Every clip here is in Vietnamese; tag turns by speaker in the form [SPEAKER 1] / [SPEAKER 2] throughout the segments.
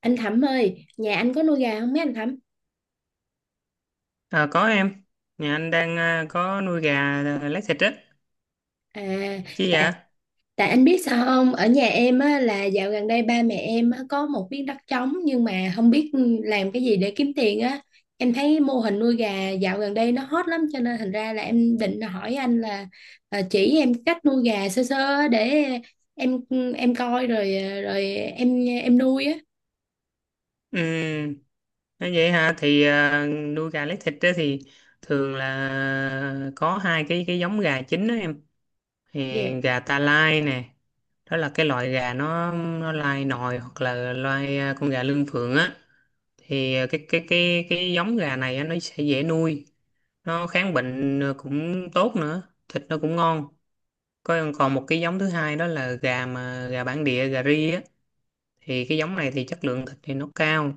[SPEAKER 1] Anh Thẩm ơi, nhà anh có nuôi gà không mấy anh Thẩm?
[SPEAKER 2] Ờ, có em, nhà anh đang có nuôi gà lấy thịt á,
[SPEAKER 1] À,
[SPEAKER 2] chứ
[SPEAKER 1] tại
[SPEAKER 2] dạ.
[SPEAKER 1] tại anh biết sao không? Ở nhà em á, là dạo gần đây ba mẹ em á, có một miếng đất trống nhưng mà không biết làm cái gì để kiếm tiền á. Em thấy mô hình nuôi gà dạo gần đây nó hot lắm cho nên thành ra là em định hỏi anh là à, chỉ em cách nuôi gà sơ sơ á để em em coi rồi à, rồi em nuôi á.
[SPEAKER 2] Ừ, nói vậy hả, thì nuôi gà lấy thịt á thì thường là có hai cái giống gà chính đó em. Thì
[SPEAKER 1] Dạ.
[SPEAKER 2] gà ta lai nè, đó là cái loại gà nó lai nòi hoặc là loại con gà lương phượng á. Thì cái giống gà này á, nó sẽ dễ nuôi, nó kháng bệnh cũng tốt nữa, thịt nó cũng ngon. Có còn một cái giống thứ hai đó là gà bản địa gà ri á, thì cái giống này thì chất lượng thịt thì nó cao,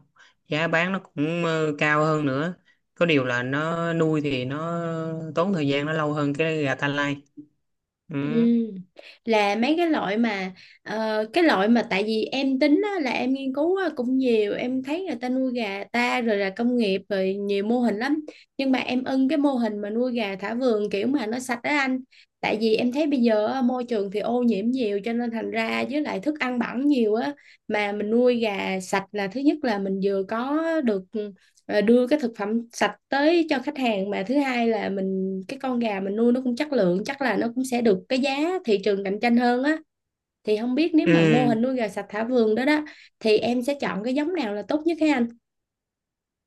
[SPEAKER 2] giá bán nó cũng cao hơn nữa, có điều là nó nuôi thì nó tốn thời gian nó lâu hơn cái gà ta lai,
[SPEAKER 1] Ừ.
[SPEAKER 2] ừ.
[SPEAKER 1] Là mấy cái loại mà ờ, cái loại mà tại vì em tính á, là em nghiên cứu á, cũng nhiều em thấy người ta nuôi gà ta rồi là công nghiệp rồi nhiều mô hình lắm nhưng mà em ưng cái mô hình mà nuôi gà thả vườn kiểu mà nó sạch đó anh, tại vì em thấy bây giờ á, môi trường thì ô nhiễm nhiều cho nên thành ra với lại thức ăn bẩn nhiều á, mà mình nuôi gà sạch là thứ nhất là mình vừa có được và đưa cái thực phẩm sạch tới cho khách hàng, mà thứ hai là mình cái con gà mình nuôi nó cũng chất lượng, chắc là nó cũng sẽ được cái giá thị trường cạnh tranh hơn á, thì không biết nếu
[SPEAKER 2] Ừ.
[SPEAKER 1] mà mô hình nuôi gà sạch thả vườn đó đó thì em sẽ chọn cái giống nào là tốt nhất hả anh?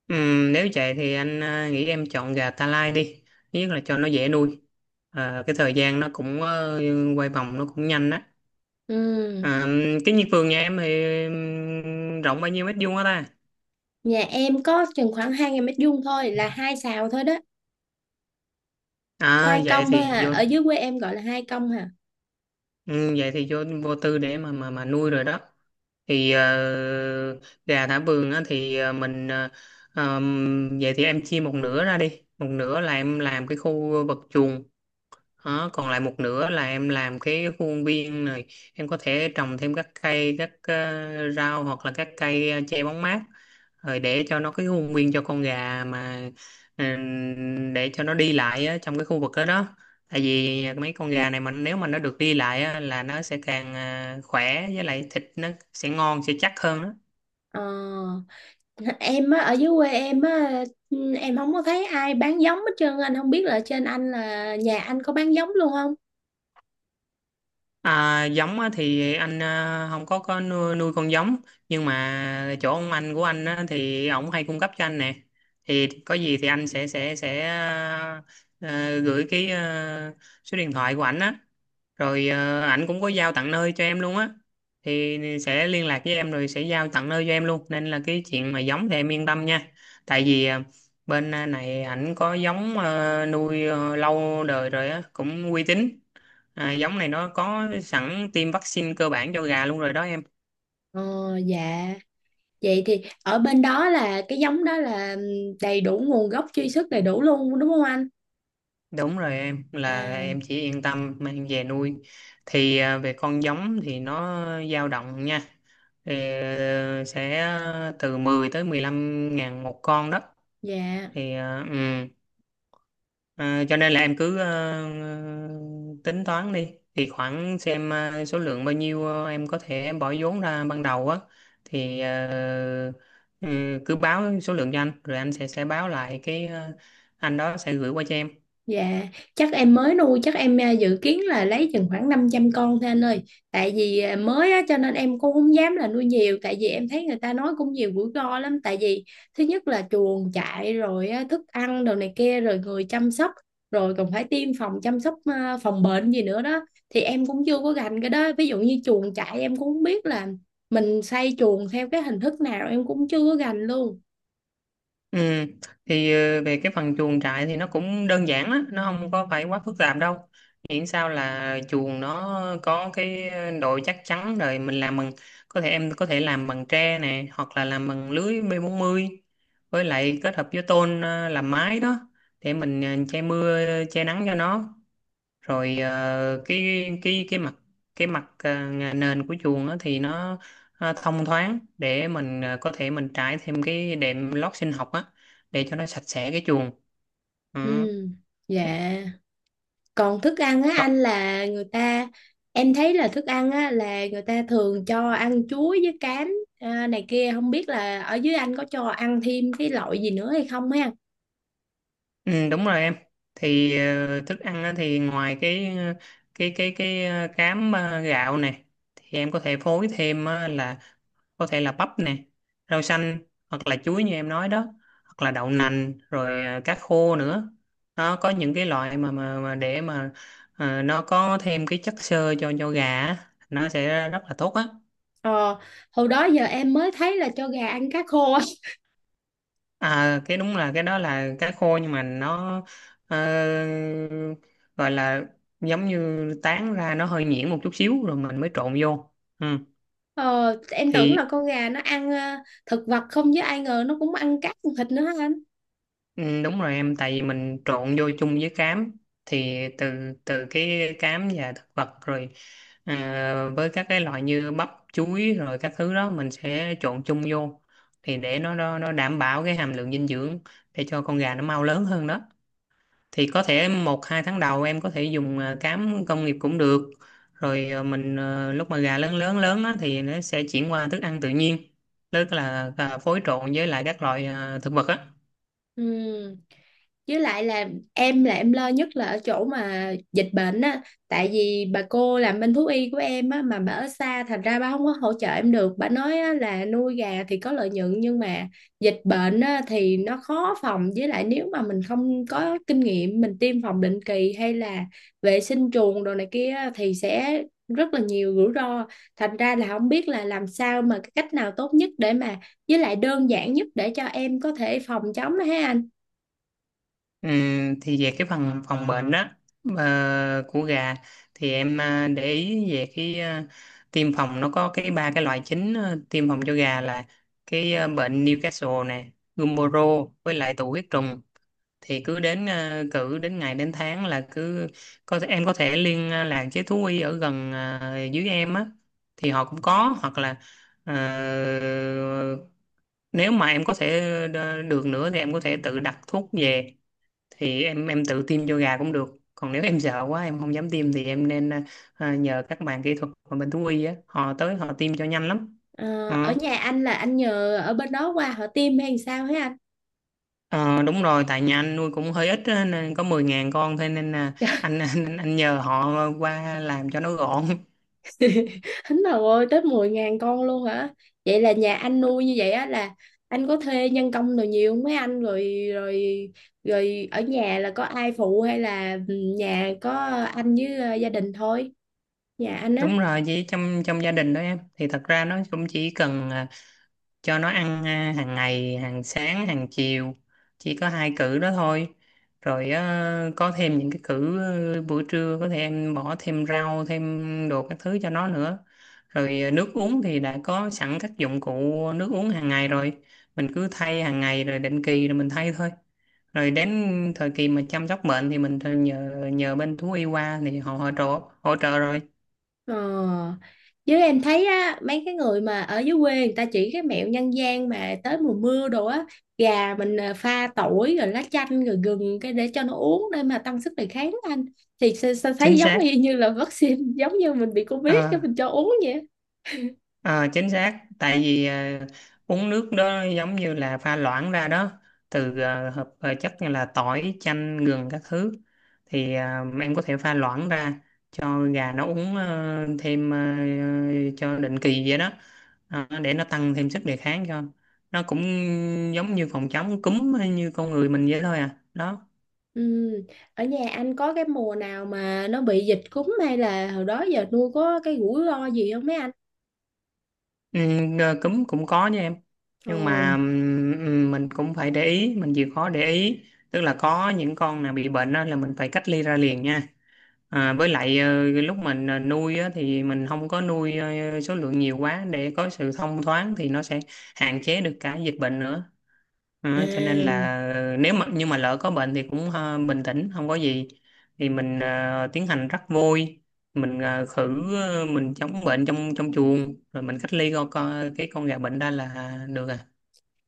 [SPEAKER 2] Ừ. Nếu vậy thì anh nghĩ em chọn gà ta lai đi, thứ nhất là cho nó dễ nuôi. Ờ, cái thời gian nó cũng quay vòng nó cũng nhanh á.
[SPEAKER 1] Ừ.
[SPEAKER 2] Ờ, cái vườn nhà em thì rộng bao nhiêu mét vuông á ta?
[SPEAKER 1] Nhà em có chừng khoảng hai 000 mét vuông thôi, là hai sào thôi đó,
[SPEAKER 2] À
[SPEAKER 1] hai
[SPEAKER 2] vậy
[SPEAKER 1] công thôi à,
[SPEAKER 2] thì vô
[SPEAKER 1] ở dưới quê em gọi là hai công hả.
[SPEAKER 2] Ừ, vậy thì vô vô tư để mà nuôi rồi đó. Thì gà thả vườn á thì vậy thì em chia một nửa ra đi, một nửa là em làm cái khu vực chuồng, đó, còn lại một nửa là em làm cái khu công viên này. Em có thể trồng thêm các cây, các rau, hoặc là các cây che bóng mát, rồi để cho nó cái khu công viên cho con gà mà, ừ, để cho nó đi lại á, trong cái khu vực đó đó. Tại vì mấy con gà này mà nếu mà nó được đi lại á, là nó sẽ càng khỏe, với lại thịt nó sẽ ngon, sẽ chắc hơn đó.
[SPEAKER 1] Ờ, em á, ở dưới quê em á, em không có thấy ai bán giống hết trơn, anh không biết là trên anh, là nhà anh có bán giống luôn không?
[SPEAKER 2] À, giống á, thì anh không có nuôi con giống, nhưng mà chỗ ông anh của anh á, thì ổng hay cung cấp cho anh nè. Thì có gì thì anh sẽ gửi số điện thoại của ảnh á, rồi ảnh cũng có giao tận nơi cho em luôn á, thì sẽ liên lạc với em rồi sẽ giao tận nơi cho em luôn, nên là cái chuyện mà giống thì em yên tâm nha. Tại vì bên này ảnh có giống nuôi lâu đời rồi á, cũng uy tín. À, giống này nó có sẵn tiêm vaccine cơ bản cho gà luôn rồi đó em.
[SPEAKER 1] Ờ, dạ, vậy thì ở bên đó là cái giống đó là đầy đủ nguồn gốc, truy xuất đầy đủ luôn đúng không anh?
[SPEAKER 2] Đúng rồi em, là em
[SPEAKER 1] À,
[SPEAKER 2] chỉ yên tâm mang về nuôi. Thì về con giống thì nó dao động nha, thì sẽ từ 10 tới 15 ngàn một con đó.
[SPEAKER 1] dạ.
[SPEAKER 2] Thì ờ, ừ. Ờ, cho nên là em cứ tính toán đi, thì khoảng xem số lượng bao nhiêu, em có thể bỏ vốn ra ban đầu á, thì ừ, cứ báo số lượng cho anh, rồi anh sẽ báo lại cái anh đó sẽ gửi qua cho em.
[SPEAKER 1] Dạ, chắc em mới nuôi, chắc em à, dự kiến là lấy chừng khoảng 500 con thôi anh ơi. Tại vì à, mới á, cho nên em cũng không dám là nuôi nhiều. Tại vì em thấy người ta nói cũng nhiều rủi ro lắm. Tại vì thứ nhất là chuồng trại, rồi á, thức ăn, đồ này kia, rồi người chăm sóc. Rồi còn phải tiêm phòng, chăm sóc à, phòng bệnh gì nữa đó. Thì em cũng chưa có gành cái đó. Ví dụ như chuồng trại em cũng không biết là mình xây chuồng theo cái hình thức nào, em cũng chưa có gành luôn.
[SPEAKER 2] Ừ, thì về cái phần chuồng trại thì nó cũng đơn giản á, nó không có phải quá phức tạp đâu. Miễn sao là chuồng nó có cái độ chắc chắn, rồi mình làm bằng có thể em có thể làm bằng tre nè, hoặc là làm bằng lưới b mươi, với lại kết hợp với tôn làm mái đó, để mình che mưa che nắng cho nó, rồi cái cái mặt cái mặt nhà nền của chuồng đó thì nó thông thoáng, để mình có thể mình trải thêm cái đệm lót sinh học á, để cho nó sạch sẽ cái chuồng, ừ.
[SPEAKER 1] Ừ,
[SPEAKER 2] chứ-
[SPEAKER 1] dạ. Còn thức ăn á anh,
[SPEAKER 2] có-
[SPEAKER 1] là người ta, em thấy là thức ăn á là người ta thường cho ăn chuối với cám à, này kia, không biết là ở dưới anh có cho ăn thêm cái loại gì nữa hay không ha?
[SPEAKER 2] ừ, đúng rồi em. Thì thức ăn á, thì ngoài cái cám gạo này, thì em có thể phối thêm á, là có thể là bắp nè, rau xanh, hoặc là chuối như em nói đó, hoặc là đậu nành, rồi cá khô nữa. Nó có những cái loại mà để mà nó có thêm cái chất xơ cho gà á, nó sẽ rất là tốt á.
[SPEAKER 1] Ờ, hồi đó giờ em mới thấy là cho gà ăn cá khô á.
[SPEAKER 2] À, cái đúng là cái đó là cá khô, nhưng mà nó ờ, gọi là giống như tán ra nó hơi nhuyễn một chút xíu, rồi mình mới trộn vô, ừ.
[SPEAKER 1] Ờ, em tưởng là
[SPEAKER 2] thì
[SPEAKER 1] con gà nó ăn ờ, thực vật không, với ai ngờ nó cũng ăn cát, ăn thịt nữa hả anh?
[SPEAKER 2] Ừ, đúng rồi em, tại vì mình trộn vô chung với cám. Thì từ từ cái cám và thực vật, rồi ờ, với các cái loại như bắp chuối rồi các thứ đó mình sẽ trộn chung vô, thì để nó đảm bảo cái hàm lượng dinh dưỡng để cho con gà nó mau lớn hơn đó. Thì có thể một hai tháng đầu em có thể dùng cám công nghiệp cũng được, rồi mình lúc mà gà lớn lớn lớn á, thì nó sẽ chuyển qua thức ăn tự nhiên, tức là phối trộn với lại các loại thực vật á.
[SPEAKER 1] Ừ, với lại là em lo nhất là ở chỗ mà dịch bệnh á, tại vì bà cô làm bên thú y của em á mà bà ở xa, thành ra bà không có hỗ trợ em được, bà nói á, là nuôi gà thì có lợi nhuận nhưng mà dịch bệnh á, thì nó khó phòng, với lại nếu mà mình không có kinh nghiệm, mình tiêm phòng định kỳ hay là vệ sinh chuồng đồ này kia á, thì sẽ rất là nhiều rủi ro, thành ra là không biết là làm sao mà cái cách nào tốt nhất để mà, với lại đơn giản nhất để cho em có thể phòng chống đó ha anh?
[SPEAKER 2] Thì về cái phần phòng bệnh đó, của gà, thì em để ý về cái tiêm phòng nó có cái ba cái loại chính, tiêm phòng cho gà là cái bệnh Newcastle này, Gumboro với lại tụ huyết trùng. Thì cứ đến cử đến ngày đến tháng là cứ có em có thể liên lạc với thú y ở gần dưới em á, thì họ cũng có, hoặc là ờ, nếu mà em có thể được nữa thì em có thể tự đặt thuốc về, thì em tự tiêm cho gà cũng được, còn nếu em sợ quá em không dám tiêm thì em nên nhờ các bạn kỹ thuật ở bên thú y á, họ tới họ tiêm cho nhanh lắm.
[SPEAKER 1] Ờ, ở
[SPEAKER 2] Ờ.
[SPEAKER 1] nhà anh là anh nhờ ở bên đó qua họ tiêm hay sao hả anh?
[SPEAKER 2] Ờ, đúng rồi, tại nhà anh nuôi cũng hơi ít á, nên có 10.000 con thôi, nên là
[SPEAKER 1] Trời,
[SPEAKER 2] anh, anh nhờ họ qua làm cho nó gọn
[SPEAKER 1] hính đầu ơi, tới 10.000 con luôn hả? Vậy là nhà anh nuôi như vậy á là anh có thuê nhân công rồi nhiều không mấy anh, rồi rồi rồi ở nhà là có ai phụ hay là ừ, nhà có anh với ờ, gia đình thôi? Nhà anh á.
[SPEAKER 2] đúng rồi, chỉ trong trong gia đình đó em, thì thật ra nó cũng chỉ cần cho nó ăn, hàng ngày, hàng sáng hàng chiều, chỉ có hai cữ đó thôi. Rồi có thêm những cái cữ buổi trưa có thể em bỏ thêm rau, thêm đồ các thứ cho nó nữa. Rồi nước uống thì đã có sẵn các dụng cụ nước uống hàng ngày rồi, mình cứ thay hàng ngày, rồi định kỳ rồi mình thay thôi. Rồi đến thời kỳ mà chăm sóc bệnh thì mình nhờ nhờ bên thú y qua thì họ hỗ trợ rồi.
[SPEAKER 1] Ờ. Với em thấy á, mấy cái người mà ở dưới quê người ta chỉ cái mẹo nhân gian mà tới mùa mưa đồ á, gà mình à, pha tỏi rồi lá chanh rồi gừng cái để cho nó uống để mà tăng sức đề kháng á anh, thì sao, sao thấy
[SPEAKER 2] Chính
[SPEAKER 1] giống
[SPEAKER 2] xác.
[SPEAKER 1] y như là vaccine giống như mình bị covid
[SPEAKER 2] Ờ,
[SPEAKER 1] cái mình cho uống vậy.
[SPEAKER 2] Ờ, chính xác, tại vì uống nước đó giống như là pha loãng ra đó, từ hợp chất như là tỏi chanh gừng các thứ. Thì em có thể pha loãng ra cho gà nó uống, thêm cho định kỳ vậy đó. Ờ, để nó tăng thêm sức đề kháng cho nó, cũng giống như phòng chống cúm hay như con người mình vậy thôi à đó.
[SPEAKER 1] Ừ. Ở nhà anh có cái mùa nào mà nó bị dịch cúm hay là hồi đó giờ nuôi có cái rủi ro gì không mấy anh?
[SPEAKER 2] Ừ, cúm cũng có nha em, nhưng mà
[SPEAKER 1] Ừ.
[SPEAKER 2] mình cũng phải để ý, mình chịu khó để ý, tức là có những con nào bị bệnh á, là mình phải cách ly ra liền nha. Với lại lúc mình nuôi á, thì mình không có nuôi số lượng nhiều quá, để có sự thông thoáng thì nó sẽ hạn chế được cả dịch bệnh nữa. Đó,
[SPEAKER 1] À.
[SPEAKER 2] cho nên là nếu mà nhưng mà lỡ có bệnh thì cũng bình tĩnh không có gì, thì mình tiến hành rắc vôi, mình khử mình chống bệnh trong trong chuồng, rồi mình cách ly con gà bệnh ra là được à.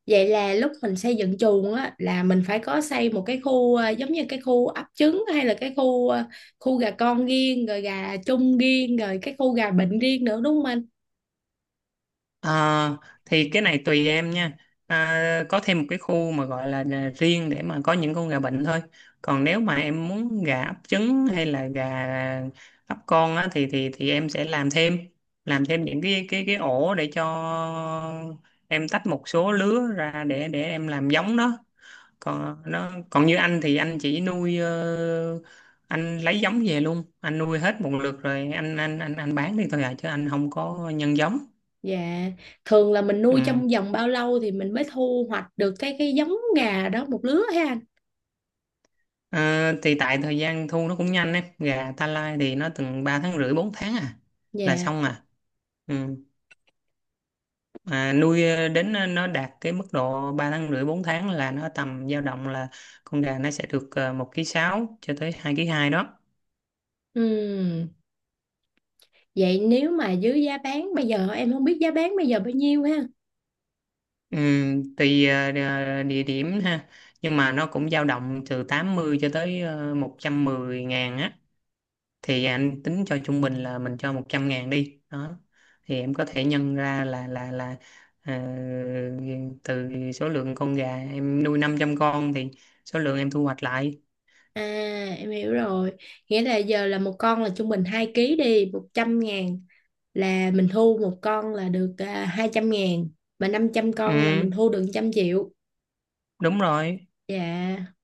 [SPEAKER 1] Vậy là lúc mình xây dựng chuồng á là mình phải có xây một cái khu ờ, giống như cái khu ấp trứng hay là cái khu ờ, khu gà con riêng rồi gà chung riêng rồi cái khu gà bệnh riêng nữa đúng không anh?
[SPEAKER 2] Ờ, thì cái này tùy em nha. Có thêm một cái khu mà gọi là riêng để mà có những con gà bệnh thôi, còn nếu mà em muốn gà ấp trứng hay là gà ấp con á, thì em sẽ làm thêm những cái ổ để cho em tách một số lứa ra để em làm giống nó, còn như anh thì anh chỉ nuôi anh lấy giống về luôn, anh nuôi hết một lượt, rồi anh bán đi thôi à, chứ anh không có nhân giống,
[SPEAKER 1] Dạ, thường là mình nuôi
[SPEAKER 2] ừ.
[SPEAKER 1] trong vòng bao lâu thì mình mới thu hoạch được cái giống gà đó một lứa ha anh?
[SPEAKER 2] Ờ, thì tại thời gian thu nó cũng nhanh ấy, gà ta lai thì nó từng 3 tháng rưỡi, 4 tháng à là
[SPEAKER 1] Dạ.
[SPEAKER 2] xong à, ừ. Mà nuôi đến nó đạt cái mức độ 3 tháng rưỡi, 4 tháng, là nó tầm dao động là con gà nó sẽ được 1,6 ký cho tới 2,2 ký đó.
[SPEAKER 1] Ừm, vậy nếu mà dưới giá bán bây giờ em không biết giá bán bây giờ bao nhiêu ha.
[SPEAKER 2] Ừ. Tùy địa địa điểm ha, nhưng mà nó cũng dao động từ 80 cho tới 110.000 á. Thì anh tính cho trung bình là mình cho 100.000 đi đó, thì em có thể nhân ra là ờ, từ số lượng con gà em nuôi 500 con, thì số lượng em thu hoạch lại.
[SPEAKER 1] À, em hiểu rồi. Nghĩa là giờ là một con là trung bình 2 ký đi, 100.000, là mình thu một con là được à, 200.000, mà 500 con là mình
[SPEAKER 2] Ừ,
[SPEAKER 1] thu được 100.000.000.
[SPEAKER 2] đúng rồi.
[SPEAKER 1] Dạ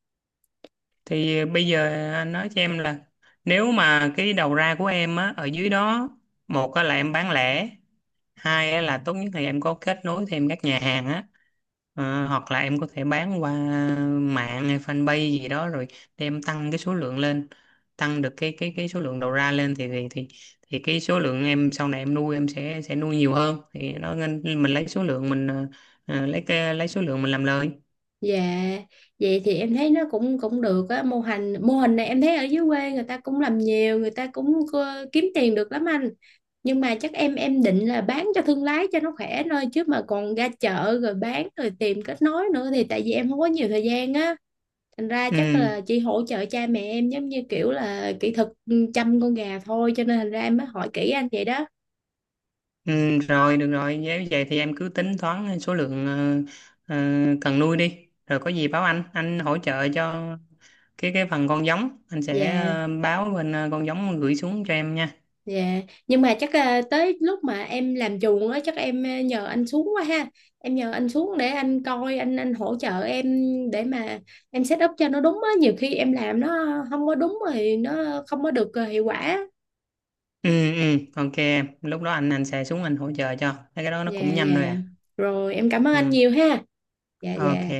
[SPEAKER 2] Thì bây giờ anh nói cho em là nếu mà cái đầu ra của em á, ở dưới đó, một á là em bán lẻ, hai á là tốt nhất là em có kết nối thêm các nhà hàng á. Ờ, hoặc là em có thể bán qua mạng hay fanpage gì đó, rồi để em tăng cái số lượng lên, tăng được cái số lượng đầu ra lên, thì cái số lượng em sau này em nuôi em sẽ nuôi nhiều hơn, thì nó nên mình lấy số lượng mình lấy số lượng mình làm lời.
[SPEAKER 1] dạ. Vậy thì em thấy nó cũng cũng được á, mô hình này em thấy ở dưới quê người ta cũng làm nhiều, người ta cũng ờ, kiếm tiền được lắm anh, nhưng mà chắc em định là bán cho thương lái cho nó khỏe thôi, chứ mà còn ra chợ rồi bán rồi tìm kết nối nữa thì tại vì em không có nhiều thời gian á, thành ra chắc
[SPEAKER 2] Ừ.
[SPEAKER 1] là chỉ hỗ trợ cha mẹ em giống như kiểu là kỹ thuật ừ, chăm con gà thôi, cho nên thành ra em mới hỏi kỹ anh vậy đó.
[SPEAKER 2] Ừ, rồi được rồi, nếu vậy thì em cứ tính toán số lượng ờ, cần nuôi đi, rồi có gì báo anh hỗ trợ cho cái phần con giống, anh sẽ
[SPEAKER 1] Dạ,
[SPEAKER 2] báo bên con giống gửi xuống cho em nha.
[SPEAKER 1] dạ. Nhưng mà chắc à, tới lúc mà em làm chuồng á, chắc em à, nhờ anh xuống quá ha. Em nhờ anh xuống để anh coi, anh hỗ trợ em, để mà em set up cho nó đúng á, nhiều khi em làm nó không có đúng rồi nó không có được à, hiệu quả.
[SPEAKER 2] Ừ, ừ, ok em, lúc đó anh sẽ xuống anh hỗ trợ cho. Mấy cái đó nó cũng
[SPEAKER 1] Dạ
[SPEAKER 2] nhanh thôi
[SPEAKER 1] dạ.
[SPEAKER 2] à.
[SPEAKER 1] Rồi em cảm ơn anh
[SPEAKER 2] Ừ,
[SPEAKER 1] nhiều ha. Dạ
[SPEAKER 2] ok.
[SPEAKER 1] dạ.